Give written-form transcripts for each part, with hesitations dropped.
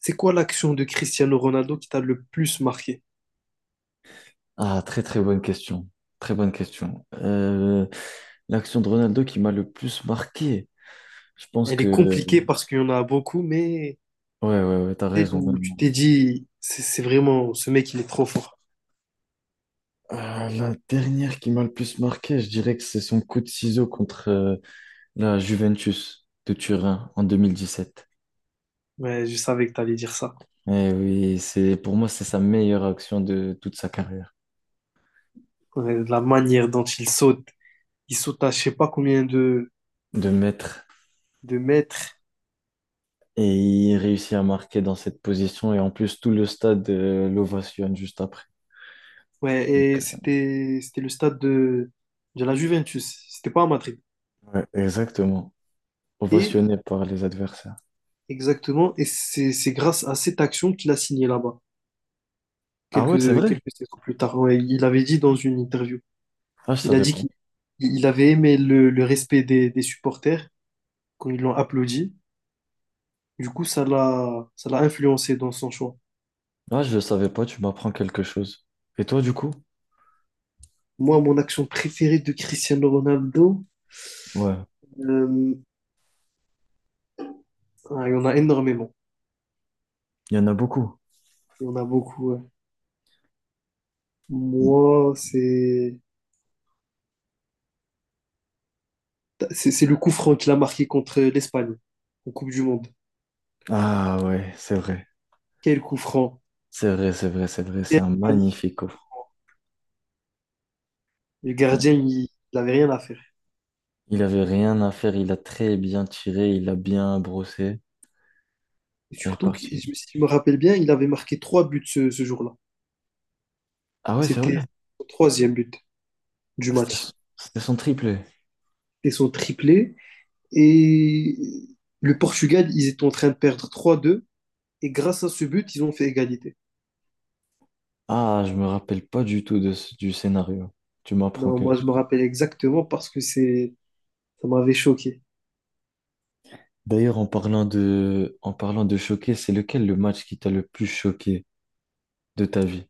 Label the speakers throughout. Speaker 1: C'est quoi l'action de Cristiano Ronaldo qui t'a le plus marqué?
Speaker 2: Ah, très très bonne question. Très bonne question. L'action de Ronaldo qui m'a le plus marqué. Je pense
Speaker 1: Elle est
Speaker 2: que...
Speaker 1: compliquée parce qu'il y en a beaucoup, mais
Speaker 2: Ouais, ouais, ouais, t'as
Speaker 1: celle
Speaker 2: raison.
Speaker 1: où tu
Speaker 2: Vraiment.
Speaker 1: t'es dit, c'est vraiment, ce mec, il est trop fort.
Speaker 2: La dernière qui m'a le plus marqué, je dirais que c'est son coup de ciseau contre la Juventus de Turin en 2017.
Speaker 1: Ouais, je savais que t'allais dire ça.
Speaker 2: Eh oui, c'est, pour moi, c'est sa meilleure action de toute sa carrière,
Speaker 1: Ouais, la manière dont il saute à je sais pas combien
Speaker 2: de maître.
Speaker 1: de mètres.
Speaker 2: Et il réussit à marquer dans cette position. Et en plus, tout le stade l'ovationne juste après.
Speaker 1: Ouais,
Speaker 2: Donc,
Speaker 1: et
Speaker 2: euh,
Speaker 1: c'était, c'était le stade de la Juventus. C'était pas à Madrid.
Speaker 2: ouais, exactement.
Speaker 1: Et
Speaker 2: Ovationné par les adversaires.
Speaker 1: exactement, et c'est grâce à cette action qu'il a signé là-bas,
Speaker 2: Ah ouais, c'est
Speaker 1: quelques,
Speaker 2: vrai.
Speaker 1: quelques saisons plus tard. Ouais, il avait dit dans une interview.
Speaker 2: Ah, je
Speaker 1: Il a
Speaker 2: savais
Speaker 1: dit
Speaker 2: pas.
Speaker 1: qu'il il avait aimé le respect des supporters quand ils l'ont applaudi. Du coup, ça l'a influencé dans son choix.
Speaker 2: Ah, je le savais pas, tu m'apprends quelque chose. Et toi, du coup?
Speaker 1: Moi, mon action préférée de Cristiano Ronaldo,
Speaker 2: Ouais,
Speaker 1: euh, ah, il y en a énormément.
Speaker 2: il y en a beaucoup.
Speaker 1: Il y en a beaucoup, ouais. Moi, c'est c'est le coup franc qu'il a marqué contre l'Espagne en Coupe du Monde.
Speaker 2: Ah ouais, c'est vrai.
Speaker 1: Quel coup franc!
Speaker 2: C'est vrai, c'est vrai, c'est vrai. C'est
Speaker 1: Quel
Speaker 2: un
Speaker 1: magnifique
Speaker 2: magnifique
Speaker 1: coup
Speaker 2: offre.
Speaker 1: franc. Le gardien, il n'avait rien à faire.
Speaker 2: Il avait rien à faire, il a très bien tiré, il a bien brossé
Speaker 1: Et
Speaker 2: et est
Speaker 1: surtout,
Speaker 2: parti.
Speaker 1: si je me rappelle bien, il avait marqué trois buts ce, ce jour-là.
Speaker 2: Ah ouais, c'est
Speaker 1: C'était
Speaker 2: vrai.
Speaker 1: son troisième but du
Speaker 2: C'était son
Speaker 1: match.
Speaker 2: c'était son triplé.
Speaker 1: Et son triplé. Et le Portugal, ils étaient en train de perdre 3-2. Et grâce à ce but, ils ont fait égalité.
Speaker 2: Ah, je me rappelle pas du tout de, ce- du scénario. Tu m'apprends
Speaker 1: Non, moi,
Speaker 2: quelque
Speaker 1: je me
Speaker 2: chose.
Speaker 1: rappelle exactement parce que c'est, ça m'avait choqué
Speaker 2: D'ailleurs, en parlant de choqué, c'est lequel le match qui t'a le plus choqué? De ta vie,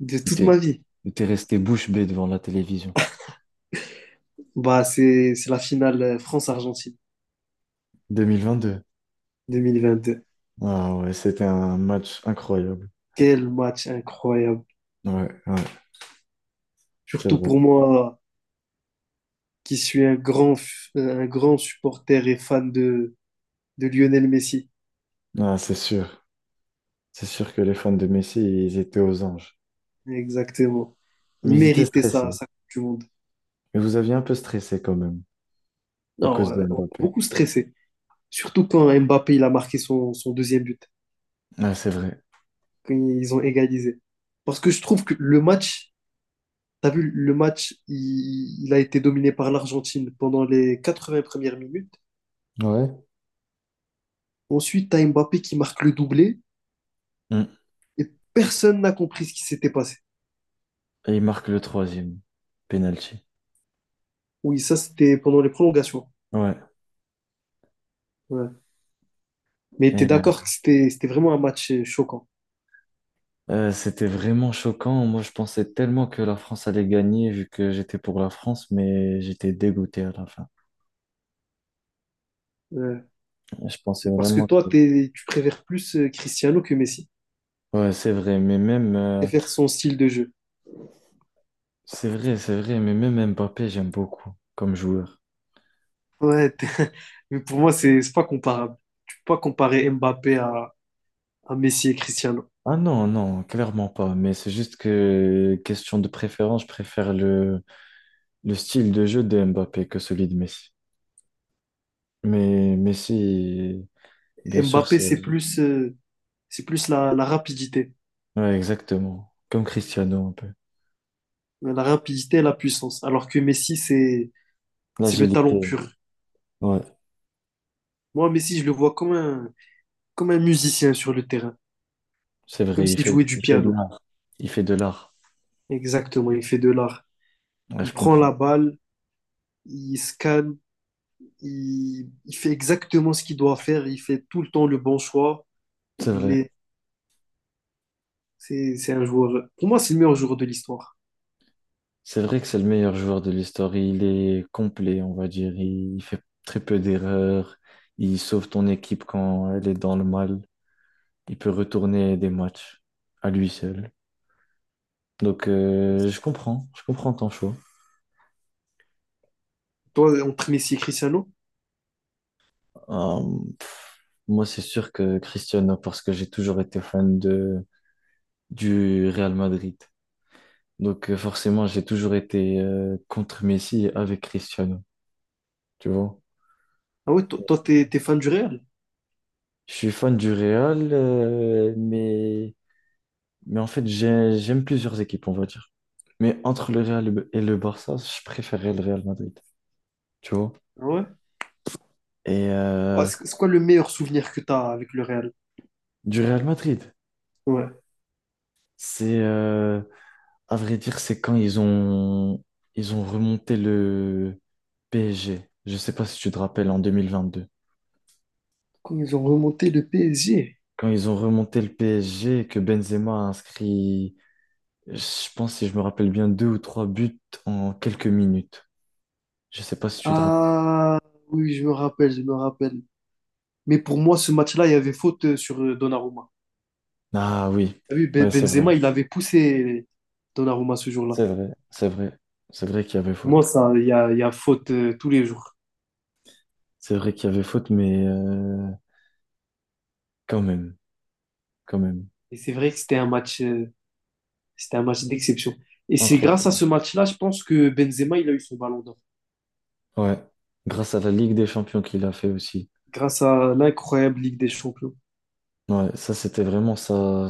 Speaker 1: de
Speaker 2: où
Speaker 1: toute
Speaker 2: t'es,
Speaker 1: ma vie.
Speaker 2: où t'es resté bouche bée devant la télévision.
Speaker 1: Bah, c'est la finale France-Argentine
Speaker 2: 2022.
Speaker 1: 2022.
Speaker 2: Ah ouais, c'était un match incroyable.
Speaker 1: Quel match incroyable.
Speaker 2: Ouais, ouais, c'est
Speaker 1: Surtout
Speaker 2: vrai.
Speaker 1: pour moi, qui suis un grand, un grand supporter et fan de Lionel Messi.
Speaker 2: Ah, c'est sûr. C'est sûr que les fans de Messi, ils étaient aux anges.
Speaker 1: Exactement. Il
Speaker 2: Mais ils étaient
Speaker 1: méritait
Speaker 2: stressés.
Speaker 1: ça, ça Coupe du Monde.
Speaker 2: Mais vous aviez un peu stressé quand même, à
Speaker 1: Non,
Speaker 2: cause de
Speaker 1: on a
Speaker 2: Mbappé.
Speaker 1: beaucoup stressé. Surtout quand Mbappé il a marqué son, son deuxième but,
Speaker 2: Ah, c'est vrai.
Speaker 1: quand ils ont égalisé. Parce que je trouve que le match, t'as vu, le match, il a été dominé par l'Argentine pendant les 80 premières minutes.
Speaker 2: Ouais.
Speaker 1: Ensuite, t'as Mbappé qui marque le doublé
Speaker 2: Mm.
Speaker 1: et personne n'a compris ce qui s'était passé.
Speaker 2: Et il marque le troisième penalty.
Speaker 1: Oui, ça, c'était pendant les prolongations.
Speaker 2: Ouais.
Speaker 1: Ouais. Mais t'es
Speaker 2: Et
Speaker 1: d'accord que c'était, c'était vraiment un match choquant.
Speaker 2: c'était vraiment choquant. Moi, je pensais tellement que la France allait gagner, vu que j'étais pour la France, mais j'étais dégoûté à la fin.
Speaker 1: Ouais.
Speaker 2: Je pensais
Speaker 1: Parce que
Speaker 2: vraiment
Speaker 1: toi,
Speaker 2: que...
Speaker 1: tu préfères plus Cristiano que Messi
Speaker 2: Ouais, c'est vrai, mais même...
Speaker 1: et faire son style de jeu.
Speaker 2: C'est vrai, mais même Mbappé, j'aime beaucoup comme joueur.
Speaker 1: Ouais, t'es- mais pour moi, c'est pas comparable. Tu peux pas comparer Mbappé à Messi et Cristiano.
Speaker 2: Ah non, non, clairement pas. Mais c'est juste que, question de préférence, le style de jeu de Mbappé que celui de Messi. Mais Messi, bien sûr,
Speaker 1: Mbappé,
Speaker 2: c'est...
Speaker 1: c'est plus la, la rapidité.
Speaker 2: Ouais, exactement. Comme Cristiano, un peu.
Speaker 1: La rapidité et la puissance. Alors que Messi, c'est le talent
Speaker 2: L'agilité,
Speaker 1: pur.
Speaker 2: ouais,
Speaker 1: Moi, Messi, je le vois comme un musicien sur le terrain.
Speaker 2: c'est
Speaker 1: Comme
Speaker 2: vrai,
Speaker 1: s'il jouait du
Speaker 2: il fait de
Speaker 1: piano.
Speaker 2: l'art. Il fait de l'art.
Speaker 1: Exactement, il fait de l'art.
Speaker 2: Ouais,
Speaker 1: Il
Speaker 2: je
Speaker 1: prend
Speaker 2: comprends.
Speaker 1: la balle, il scanne, il fait exactement ce qu'il doit faire, il fait tout le temps le bon choix.
Speaker 2: C'est
Speaker 1: Il
Speaker 2: vrai.
Speaker 1: est, c'est un joueur. Pour moi, c'est le meilleur joueur de l'histoire.
Speaker 2: C'est vrai que c'est le meilleur joueur de l'histoire. Il est complet, on va dire. Il fait très peu d'erreurs. Il sauve ton équipe quand elle est dans le mal. Il peut retourner des matchs à lui seul. Je comprends. Je comprends ton choix.
Speaker 1: Toi, entre Messi et Cristiano,
Speaker 2: Euh, moi, c'est sûr que Cristiano, parce que j'ai toujours été fan de, du Real Madrid. Forcément, j'ai toujours été contre Messi et avec Cristiano. Tu vois?
Speaker 1: ah ouais, toi, toi, t'es, t'es fan du Real?
Speaker 2: Je suis fan du Real, mais. Mais en fait, j'aime plusieurs équipes, on va dire. Mais entre le Real et le Barça, je préférais le Real Madrid, tu vois.
Speaker 1: Ah, ouais.
Speaker 2: Et
Speaker 1: Quoi,
Speaker 2: euh,
Speaker 1: c'est quoi le meilleur souvenir que t'as avec le Real?
Speaker 2: du Real Madrid,
Speaker 1: Ouais.
Speaker 2: c'est, euh, à vrai dire, c'est quand ils ont remonté le PSG. Je sais pas si tu te rappelles, en 2022.
Speaker 1: Quand ils ont remonté le PSG.
Speaker 2: Quand ils ont remonté le PSG et que Benzema a inscrit, je pense, si je me rappelle bien, deux ou trois buts en quelques minutes. Je sais pas si tu te rappelles.
Speaker 1: Ah, oui, je me rappelle, je me rappelle. Mais pour moi, ce match-là, il y avait faute sur Donnarumma.
Speaker 2: Ah oui,
Speaker 1: T'as vu,
Speaker 2: ouais, c'est vrai.
Speaker 1: Benzema, il avait poussé Donnarumma ce jour-là.
Speaker 2: C'est vrai, c'est vrai, c'est vrai qu'il y avait
Speaker 1: Pour
Speaker 2: faute.
Speaker 1: moi, ça, il y a faute tous les jours.
Speaker 2: C'est vrai qu'il y avait faute, quand même, quand même.
Speaker 1: Et c'est vrai que c'était un match d'exception. Et c'est grâce à
Speaker 2: Impressionnant.
Speaker 1: ce match-là, je pense que Benzema, il a eu son ballon d'or.
Speaker 2: Ouais, grâce à la Ligue des Champions qu'il a fait aussi.
Speaker 1: Grâce à l'incroyable Ligue des Champions.
Speaker 2: Ouais, ça c'était vraiment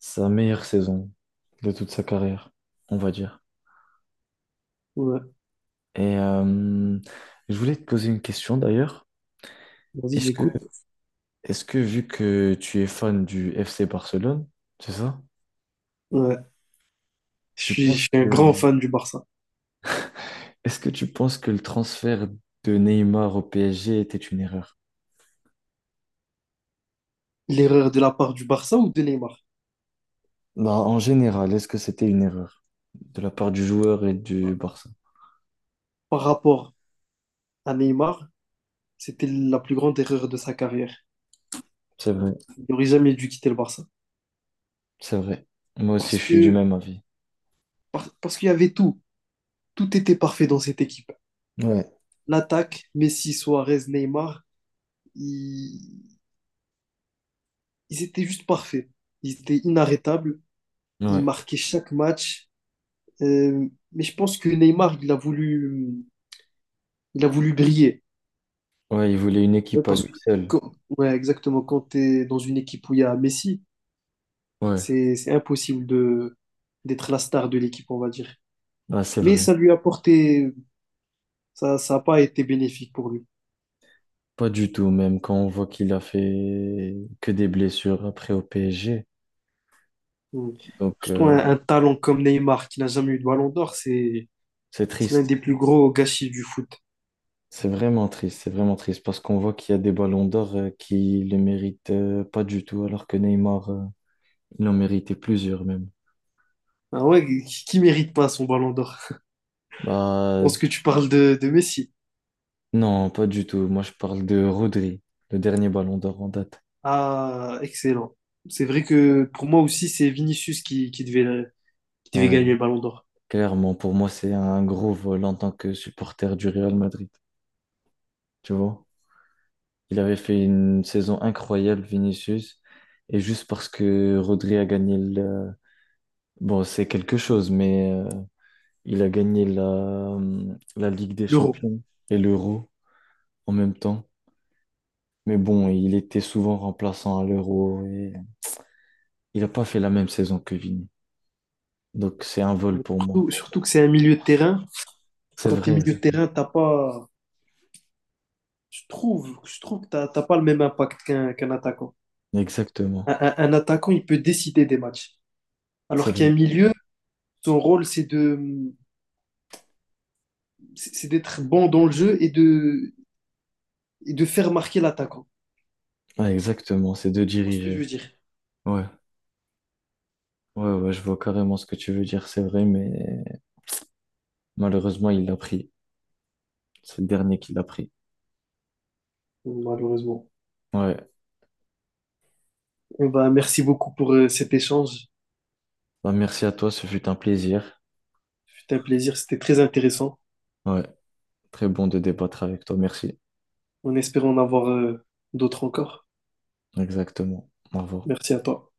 Speaker 2: sa meilleure saison de toute sa carrière, on va dire.
Speaker 1: Ouais.
Speaker 2: Et euh, je voulais te poser une question d'ailleurs.
Speaker 1: Vas-y,
Speaker 2: Est-ce que,
Speaker 1: j'écoute.
Speaker 2: est-ce que vu que tu es fan du FC Barcelone, c'est ça?
Speaker 1: Ouais.
Speaker 2: Tu
Speaker 1: Je
Speaker 2: penses
Speaker 1: suis un
Speaker 2: que,
Speaker 1: grand fan du Barça.
Speaker 2: est-ce que tu penses que le transfert de Neymar au PSG était une erreur?
Speaker 1: L'erreur de la part du Barça ou de Neymar?
Speaker 2: Bah, en général, est-ce que c'était une erreur de la part du joueur et du
Speaker 1: Bah,
Speaker 2: Barça?
Speaker 1: par rapport à Neymar, c'était la plus grande erreur de sa carrière.
Speaker 2: C'est vrai,
Speaker 1: Il n'aurait jamais dû quitter le Barça.
Speaker 2: c'est vrai. Moi aussi,
Speaker 1: Parce
Speaker 2: je suis du
Speaker 1: que,
Speaker 2: même avis.
Speaker 1: parce qu'il y avait tout. Tout était parfait dans cette équipe.
Speaker 2: Ouais,
Speaker 1: L'attaque, Messi, Suarez, Neymar, ils, ils étaient juste parfaits. Ils étaient inarrêtables. Ils
Speaker 2: ouais,
Speaker 1: marquaient chaque match. Mais je pense que Neymar, il a voulu briller.
Speaker 2: ouais, il voulait une
Speaker 1: Ouais,
Speaker 2: équipe à
Speaker 1: parce
Speaker 2: lui
Speaker 1: que,
Speaker 2: seul.
Speaker 1: ouais, exactement, quand tu es dans une équipe où il y a Messi,
Speaker 2: Ouais,
Speaker 1: c'est impossible de, d'être la star de l'équipe, on va dire.
Speaker 2: bah, c'est
Speaker 1: Mais
Speaker 2: vrai.
Speaker 1: ça lui a apporté, ça n'a pas été bénéfique pour lui.
Speaker 2: Pas du tout, même quand on voit qu'il a fait que des blessures après au PSG.
Speaker 1: Mm.
Speaker 2: Donc,
Speaker 1: Surtout
Speaker 2: euh,
Speaker 1: un talent comme Neymar, qui n'a jamais eu de ballon d'or, c'est
Speaker 2: c'est
Speaker 1: c'est l'un
Speaker 2: triste.
Speaker 1: des plus gros gâchis du foot.
Speaker 2: C'est vraiment triste, c'est vraiment triste parce qu'on voit qu'il y a des ballons d'or qui le méritent pas du tout, alors que Neymar, il en méritait plusieurs même.
Speaker 1: Ah ouais, qui mérite pas son ballon d'or? Je
Speaker 2: Bah,
Speaker 1: pense que tu parles de Messi.
Speaker 2: non, pas du tout. Moi, je parle de Rodri, le dernier ballon d'or en date.
Speaker 1: Ah, excellent. C'est vrai que pour moi aussi, c'est Vinicius qui devait
Speaker 2: Ouais,
Speaker 1: gagner le ballon d'or.
Speaker 2: clairement, pour moi, c'est un gros vol en tant que supporter du Real Madrid. Tu vois? Il avait fait une saison incroyable, Vinicius, et juste parce que Rodri a gagné le... Bon, c'est quelque chose, il a gagné la, la Ligue des
Speaker 1: L'Euro.
Speaker 2: Champions et l'Euro en même temps. Mais bon, il était souvent remplaçant à l'Euro et il n'a pas fait la même saison que Vini. Donc, c'est un vol pour moi.
Speaker 1: Surtout, surtout que c'est un milieu de terrain.
Speaker 2: C'est
Speaker 1: Quand tu es
Speaker 2: vrai.
Speaker 1: milieu de terrain, t'as pas, je trouve que t'as pas le même impact qu'un attaquant.
Speaker 2: Exactement.
Speaker 1: Un, un attaquant, il peut décider des matchs.
Speaker 2: C'est
Speaker 1: Alors qu'un
Speaker 2: vrai.
Speaker 1: milieu, son rôle, c'est de, c'est d'être bon dans le jeu et de faire marquer l'attaquant. Tu
Speaker 2: Ah, exactement, c'est de
Speaker 1: vois ce que je
Speaker 2: diriger.
Speaker 1: veux dire,
Speaker 2: Ouais, ouais, ouais, je vois carrément ce que tu veux dire, c'est vrai, mais malheureusement, il l'a pris. C'est le dernier qui l'a pris.
Speaker 1: malheureusement.
Speaker 2: Ouais.
Speaker 1: Eh ben, merci beaucoup pour cet échange.
Speaker 2: Bah, merci à toi, ce fut un plaisir.
Speaker 1: C'était un plaisir, c'était très intéressant.
Speaker 2: Ouais, très bon de débattre avec toi, merci.
Speaker 1: On espère en avoir d'autres encore.
Speaker 2: Exactement. Au revoir.
Speaker 1: Merci à toi.